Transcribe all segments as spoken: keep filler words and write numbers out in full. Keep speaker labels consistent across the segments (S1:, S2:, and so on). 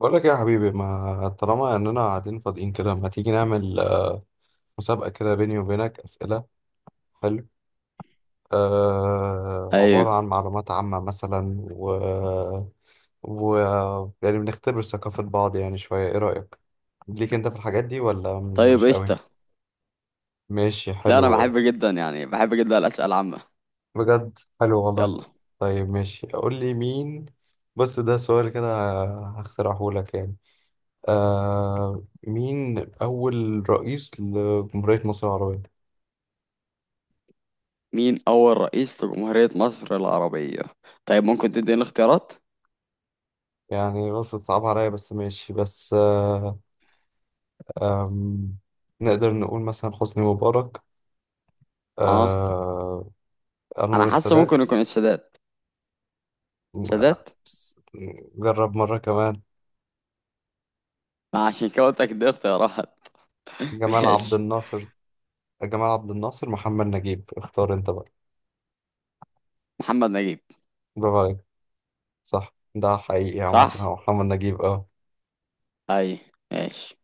S1: بقول لك إيه يا حبيبي؟ ما طالما اننا قاعدين فاضيين كده، ما تيجي نعمل آه، مسابقة كده بيني وبينك أسئلة؟ حلو. آه
S2: ايوه.
S1: عبارة عن معلومات عامة مثلا و... و يعني بنختبر ثقافة بعض، يعني شوية. ايه رأيك ليك انت في الحاجات دي ولا
S2: طيب،
S1: مش قوي؟
S2: قشطة.
S1: ماشي
S2: لا، انا
S1: حلو.
S2: بحب جدا يعني بحب جدا الاسئله العامه.
S1: بجد حلو والله.
S2: يلا.
S1: طيب ماشي، قول لي مين. بص، ده سؤال كده هخترعه لك يعني. آه مين أول رئيس لجمهورية مصر العربية؟
S2: مين اول رئيس لجمهوريه مصر العربيه؟ طيب، ممكن تديني اختيارات؟
S1: يعني بص، صعب عليا، بس ماشي، بس آه آم، نقدر نقول مثلا حسني مبارك.
S2: اه.
S1: آه
S2: انا
S1: أنور
S2: حاسه ممكن
S1: السادات.
S2: يكون السادات. السادات.
S1: بس- جرب مرة كمان.
S2: ما عشان كده قلت لك دي اختيارات.
S1: جمال عبد
S2: ماشي.
S1: الناصر. جمال عبد الناصر، محمد نجيب، اختار انت بقى.
S2: محمد نجيب.
S1: برافو عليك. صح، ده حقيقي عامة،
S2: صح.
S1: هو محمد نجيب، اه.
S2: اي. ماشي.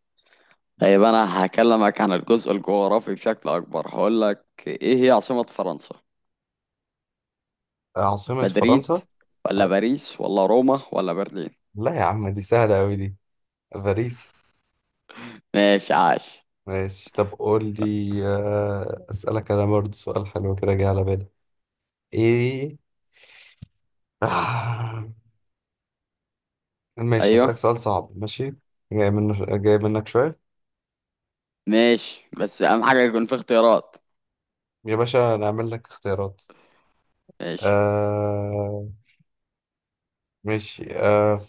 S2: طيب انا هكلمك عن الجزء الجغرافي بشكل اكبر. هقول لك ايه هي عاصمه فرنسا؟
S1: عاصمة
S2: مدريد
S1: فرنسا؟
S2: ولا
S1: آه،
S2: باريس ولا روما ولا برلين؟
S1: لا يا عم، دي سهلة أوي دي. باريس.
S2: ماشي. عاش.
S1: ماشي، طب قول لي، آه، أسألك أنا برضه سؤال حلو كده جه على بالي. ايه؟ آه. ماشي،
S2: ايوه.
S1: هسألك سؤال صعب، ماشي. جاي منه، جاي منك شوية.
S2: ماشي، بس اهم حاجة يكون في اختيارات.
S1: يا باشا نعمل لك اختيارات.
S2: ماشي.
S1: آه ماشي. آه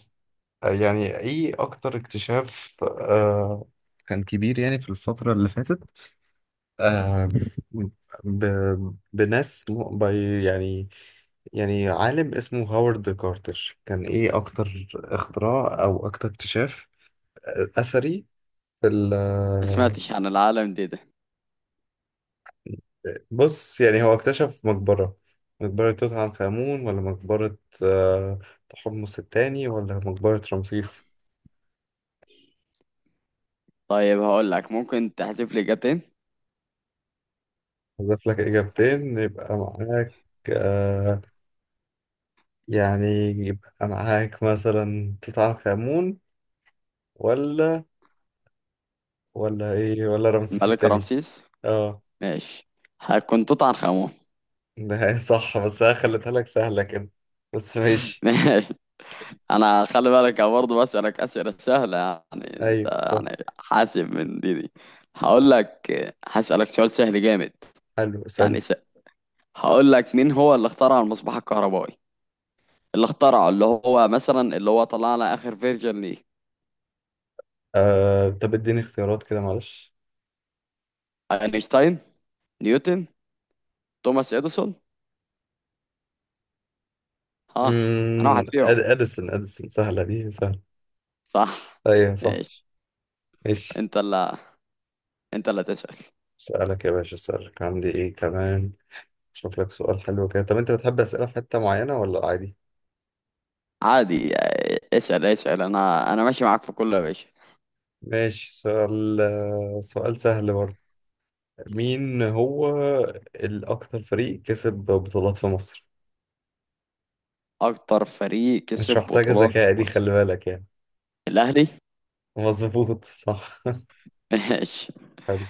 S1: يعني، ايه اكتر اكتشاف آه كان كبير يعني في الفترة اللي فاتت؟ آه ب... بناس م... ب... يعني، يعني عالم اسمه هاورد كارتر، كان ايه اكتر اختراع او اكتر اكتشاف آه، اثري في ال
S2: ما سمعتش عن العالم دي ده.
S1: بص يعني هو اكتشف مقبرة. مقبرة توت عنخ آمون، ولا مقبرة آه، تحمس التاني، ولا مقبرة رمسيس؟
S2: طيب هقول لك، ممكن تحذف لي اجابتين.
S1: أضيف لك إجابتين يبقى معاك. آه، يعني يبقى معاك مثلا توت عنخ آمون ولا ولا إيه، ولا رمسيس
S2: الملك
S1: التاني.
S2: رمسيس.
S1: اه.
S2: ماشي. هيكون توت عنخ امون.
S1: ده هي صح، بس أنا خليتها لك سهلة كده، بس ماشي.
S2: ماشي. انا خلي بالك، أنا برضه بسألك أسئلة سهلة، يعني انت
S1: أيوه صح.
S2: يعني حاسب من دي دي. هقول لك، هسألك سؤال سهل جامد.
S1: حلو،
S2: يعني
S1: اسأل.
S2: س... هقول لك، مين هو اللي اخترع المصباح الكهربائي؟ اللي اخترعه، اللي هو مثلا اللي هو طلعنا اخر فيرجن ليه.
S1: آه، طب اديني اختيارات كده معلش.
S2: اينشتاين، نيوتن، توماس اديسون. اه. انا
S1: امم
S2: واحد فيهم.
S1: أد... اديسون اديسون، سهله، دي سهله.
S2: صح.
S1: ايوه صح.
S2: ماشي.
S1: ماشي.
S2: انت اللي انت اللي تسأل.
S1: اسالك يا باشا، اسالك، عندي ايه كمان. اشوف لك سؤال حلو كده. طب انت بتحب اسئله في حته معينه ولا عادي؟
S2: عادي، آه، اسأل اسأل. انا انا ماشي معاك في كل، يا باشا.
S1: ماشي. سؤال سؤال سهل برضه. مين هو الاكتر فريق كسب بطولات في مصر؟
S2: اكتر فريق
S1: مش
S2: كسب
S1: محتاجه
S2: بطولات في
S1: ذكاء دي، خلي
S2: مصر؟
S1: بالك يعني.
S2: الاهلي.
S1: مظبوط صح.
S2: ماشي.
S1: حلو.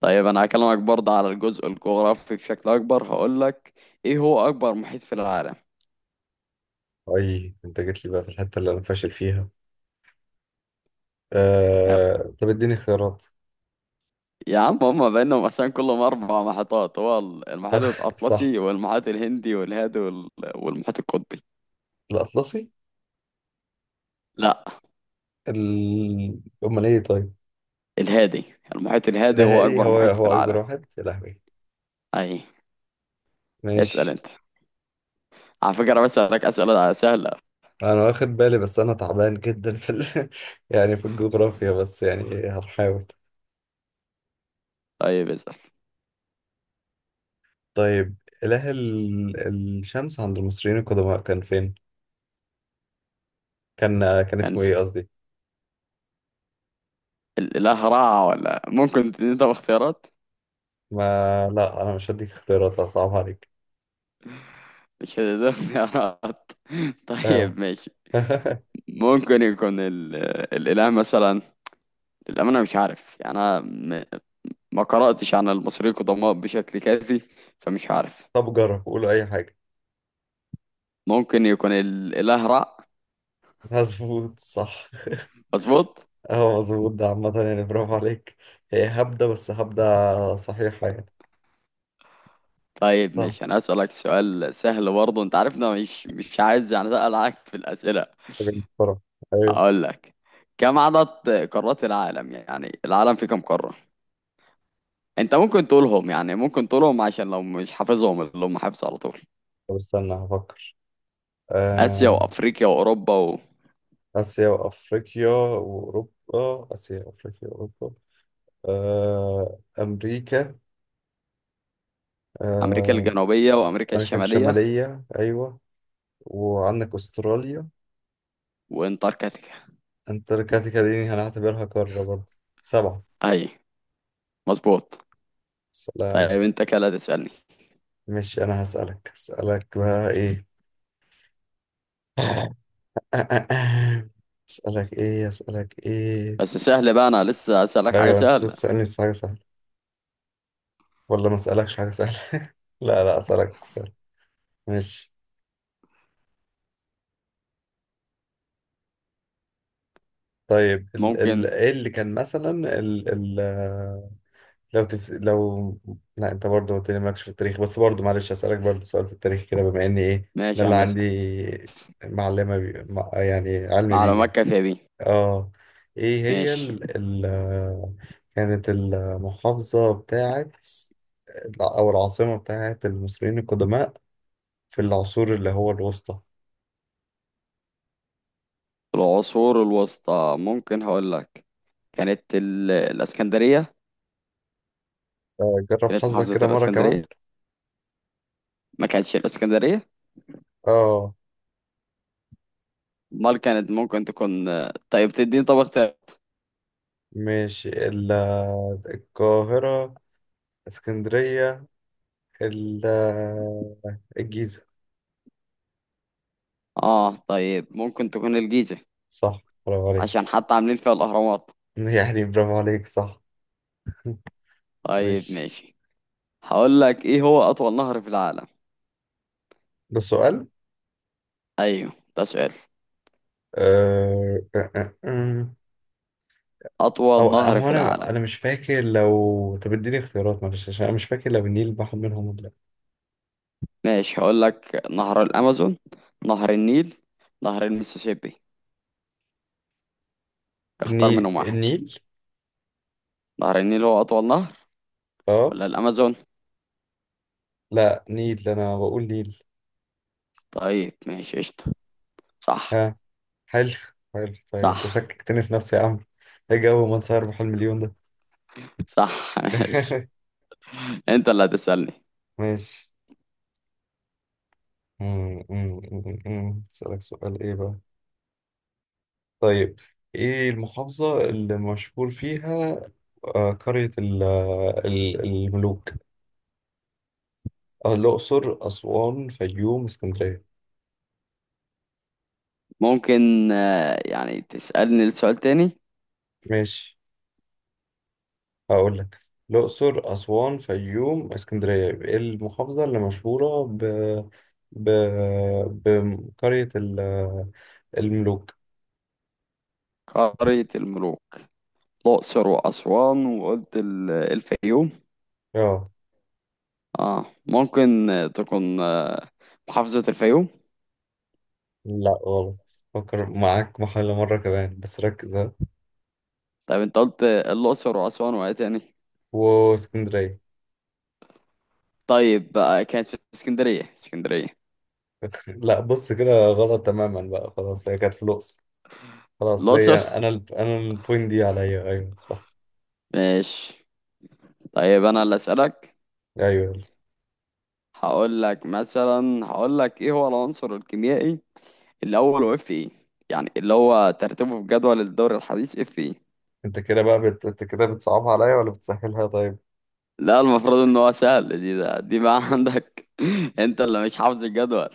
S2: طيب انا هكلمك برضه على الجزء الجغرافي بشكل اكبر. هقول لك، ايه هو اكبر محيط في العالم؟
S1: اي، انت جيت لي بقى في الحته اللي انا فاشل فيها.
S2: آه،
S1: آه... طب اديني اختيارات.
S2: يا عم، هما بينهم مثلا كلهم اربع محيطات. هو ال- المحيط
S1: صح.
S2: الاطلسي والمحيط الهندي والهادي وال- والمحيط القطبي.
S1: الاطلسي.
S2: لا.
S1: ال... امال ايه طيب؟
S2: الهادي. المحيط الهادي هو
S1: الاهلي
S2: اكبر
S1: هو
S2: محيط في
S1: هو اكبر
S2: العالم.
S1: واحد، يا لهوي.
S2: اي. اسأل
S1: ماشي.
S2: انت. على فكرة بسألك أسئلة سهلة.
S1: انا واخد بالي، بس انا تعبان جدا في ال... يعني في الجغرافيا، بس يعني هنحاول.
S2: طيب اسأل.
S1: طيب. اله ال... الشمس عند المصريين القدماء كان فين؟ كان كان
S2: يعني
S1: اسمه
S2: انت
S1: ايه قصدي.
S2: ال- لا هراء، ولا ممكن تديني طب اختيارات؟
S1: ما لا انا مش هديك اختيارات، صعب عليك.
S2: مش هتديني اختيارات؟
S1: ايوه.
S2: طيب ماشي. ممكن يكون ال... الإله مثلا. للأمانة مش عارف، يعني أنا م... ما قرأتش عن المصريين القدماء بشكل كافي، فمش عارف.
S1: طب جرب قولوا اي حاجه.
S2: ممكن يكون الإله را.
S1: مظبوط صح.
S2: مظبوط.
S1: اه مظبوط، ده عامة يعني، برافو عليك. هي هبدة، بس هبدة صحيحة يعني.
S2: طيب
S1: صح.
S2: ماشي. أنا أسألك سؤال سهل برضه. أنت عارف إن أنا مش مش عايز يعني أسأل عليك في الأسئلة.
S1: حاجة. بسرعة. أيوة.
S2: هقول لك كم عدد قارات العالم؟ يعني العالم فيه كم قارة؟ انت ممكن تقولهم، يعني ممكن تقولهم، عشان لو مش حافظهم، اللي هم حافظه على طول.
S1: طب استنى هفكر.
S2: اسيا
S1: آه...
S2: وافريقيا واوروبا
S1: آسيا وأفريقيا وأوروبا، آسيا وأفريقيا وأوروبا. آه... أمريكا.
S2: وامريكا
S1: آه...
S2: الجنوبية وامريكا
S1: أمريكا
S2: الشمالية
S1: الشمالية، أيوة. وعندك أستراليا.
S2: وانتاركتيكا.
S1: أنت كده، دي هنعتبرها قارة برضه. سبعة.
S2: اي. مظبوط.
S1: سلام.
S2: طيب انت كده تسألني.
S1: ماشي، أنا هسألك هسألك بقى إيه؟ آه، آه، آه. أسألك إيه، أسألك إيه؟
S2: بس سهل بقى، انا لسه اسألك حاجة
S1: أيوة، أنت
S2: سهلة.
S1: تسألني حاجة سهلة ولا ما أسألكش حاجة سهلة؟ لا، لا، أسألك. ماشي. طيب ال
S2: ممكن.
S1: ال ايه اللي كان مثلا؟ ال ال آه، لو تفس لو لا انت برضه قلت لي مالكش في التاريخ، بس برضه معلش اسالك برضه سؤال في التاريخ كده، بما اني ايه ده
S2: ماشي يا
S1: اللي
S2: عم،
S1: عندي
S2: اسأل.
S1: معلمه بي مع- يعني علم بيه
S2: معلومات
S1: يعني.
S2: كافية بيه.
S1: اه. ايه هي
S2: ماشي.
S1: ال ال آه، كانت المحافظه بتاعت او العاصمه بتاعت المصريين القدماء في العصور اللي هو الوسطى؟
S2: العصور الوسطى، ممكن هقول لك كانت ال... الاسكندرية.
S1: آه، جرب
S2: كانت
S1: حظك
S2: محافظة
S1: كده مره كمان.
S2: الاسكندرية. ما كانتش الاسكندرية؟
S1: اه.
S2: امال كانت ممكن تكون، آه، طيب تديني طب اختيار.
S1: ماشي. ال- القاهرة، اسكندرية، ال- الجيزة.
S2: اه. طيب ممكن تكون الجيزة،
S1: صح، برافو
S2: عشان
S1: عليك.
S2: حتى عاملين فيها الاهرامات.
S1: يعني برافو عليك، صح.
S2: طيب
S1: ماشي.
S2: ماشي. هقول لك ايه هو اطول نهر في العالم؟
S1: ده سؤال.
S2: ايوه ده سؤال.
S1: أه... أه... أه... أه.
S2: اطول
S1: أو
S2: نهر
S1: هو،
S2: في
S1: أنا
S2: العالم.
S1: أنا مش فاكر، لو طب اديني اختيارات معلش عشان أنا مش فاكر لو النيل بحر منهم ولا لأ.
S2: ماشي هقول لك، نهر الامازون، نهر النيل، نهر المسيسيبي. اختار
S1: النيل،
S2: منهم واحد.
S1: النيل.
S2: نهر النيل هو اطول نهر،
S1: أه.
S2: ولا الامازون؟
S1: لا، نيل، أنا بقول نيل.
S2: طيب ماشي قشطة. صح.
S1: ها. حلو. حلو، طيب أنت
S2: صح.
S1: شككتني في نفسي يا عم. إيه جو من سهر بحلم مليون ده.
S2: صح. ماشي. انت اللي هتسألني.
S1: ماشي. مم، مم، مم، مم. أسألك سؤال إيه بقى؟ طيب، إيه المحافظة اللي مشهور فيها آه، قرية ال- ال- الملوك؟ آه، الأقصر، أسوان، فيوم، اسكندرية.
S2: ممكن آه، يعني تسألني السؤال تاني.
S1: ماشي، هقول لك الأقصر، أسوان، فيوم، اسكندرية. إيه المحافظة اللي مشهورة ب... ب... بقرية ال- الملوك؟
S2: قارية الملوك. الأقصر وأسوان، وقلت ال- الفيوم.
S1: آه
S2: اه. ممكن آه، تكون آه، محافظة الفيوم.
S1: لا غلط. فكر معاك محل مرة كمان، بس ركز، ها.
S2: طيب انت قلت آه، الأقصر وأسوان وإيه تاني؟
S1: واسكندرية.
S2: طيب بقى كانت في اسكندرية. اسكندرية.
S1: لا بص، كده غلط تماما بقى، خلاص. هي كانت في الأقصر. خلاص
S2: الأقصر.
S1: ليا أنا ال... أنا البوينت دي عليا، أيوه صح.
S2: ماشي. طيب أنا اللي أسألك.
S1: أيوه يلا.
S2: هقول لك مثلا هقول لك إيه هو العنصر الكيميائي الأول وإف إيه؟ يعني اللي هو ترتيبه في جدول الدوري الحديث إف إيه.
S1: أنت كده بقى بت... أنت كده بتصعبها عليا ولا بتسهلها طيب؟
S2: لا، المفروض ان هو سهل دي ده دي بقى عندك. انت اللي مش حافظ الجدول.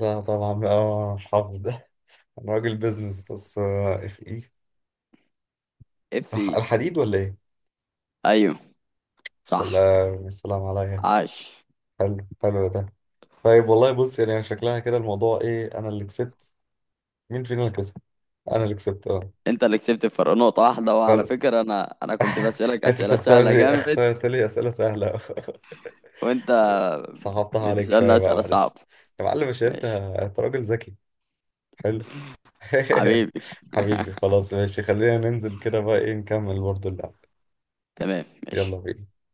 S1: لا طبعا بقى أنا مش حافظ ده. أنا راجل بيزنس، بس آه، اف إيه؟
S2: اف اي.
S1: الح- الحديد ولا إيه؟
S2: ايوه صح.
S1: سلام، السلام عليا.
S2: عاش.
S1: حلو. حلو ده. طيب والله بص، يعني شكلها كده الموضوع إيه، أنا اللي كسبت. مين فينا اللي كسب؟ أنا اللي كسبت، أه.
S2: انت اللي كسبت. الفرق نقطة واحدة. وعلى
S1: فرق.
S2: فكرة انا انا كنت بسألك
S1: أنت
S2: اسئلة
S1: بتختار
S2: سهلة
S1: لي،
S2: جامد،
S1: اخترت لي أسئلة سهلة.
S2: وانت
S1: صعبتها عليك
S2: بتسألني
S1: شوية بقى،
S2: اسئلة
S1: معلش.
S2: صعبة.
S1: يا معلم، مش انت
S2: ماشي.
S1: انت راجل ذكي. حلو.
S2: حبيبي.
S1: حبيبي خلاص، ماشي، خلينا ننزل كده بقى ايه، نكمل برضه اللعب.
S2: تمام ماشي.
S1: يلا بينا.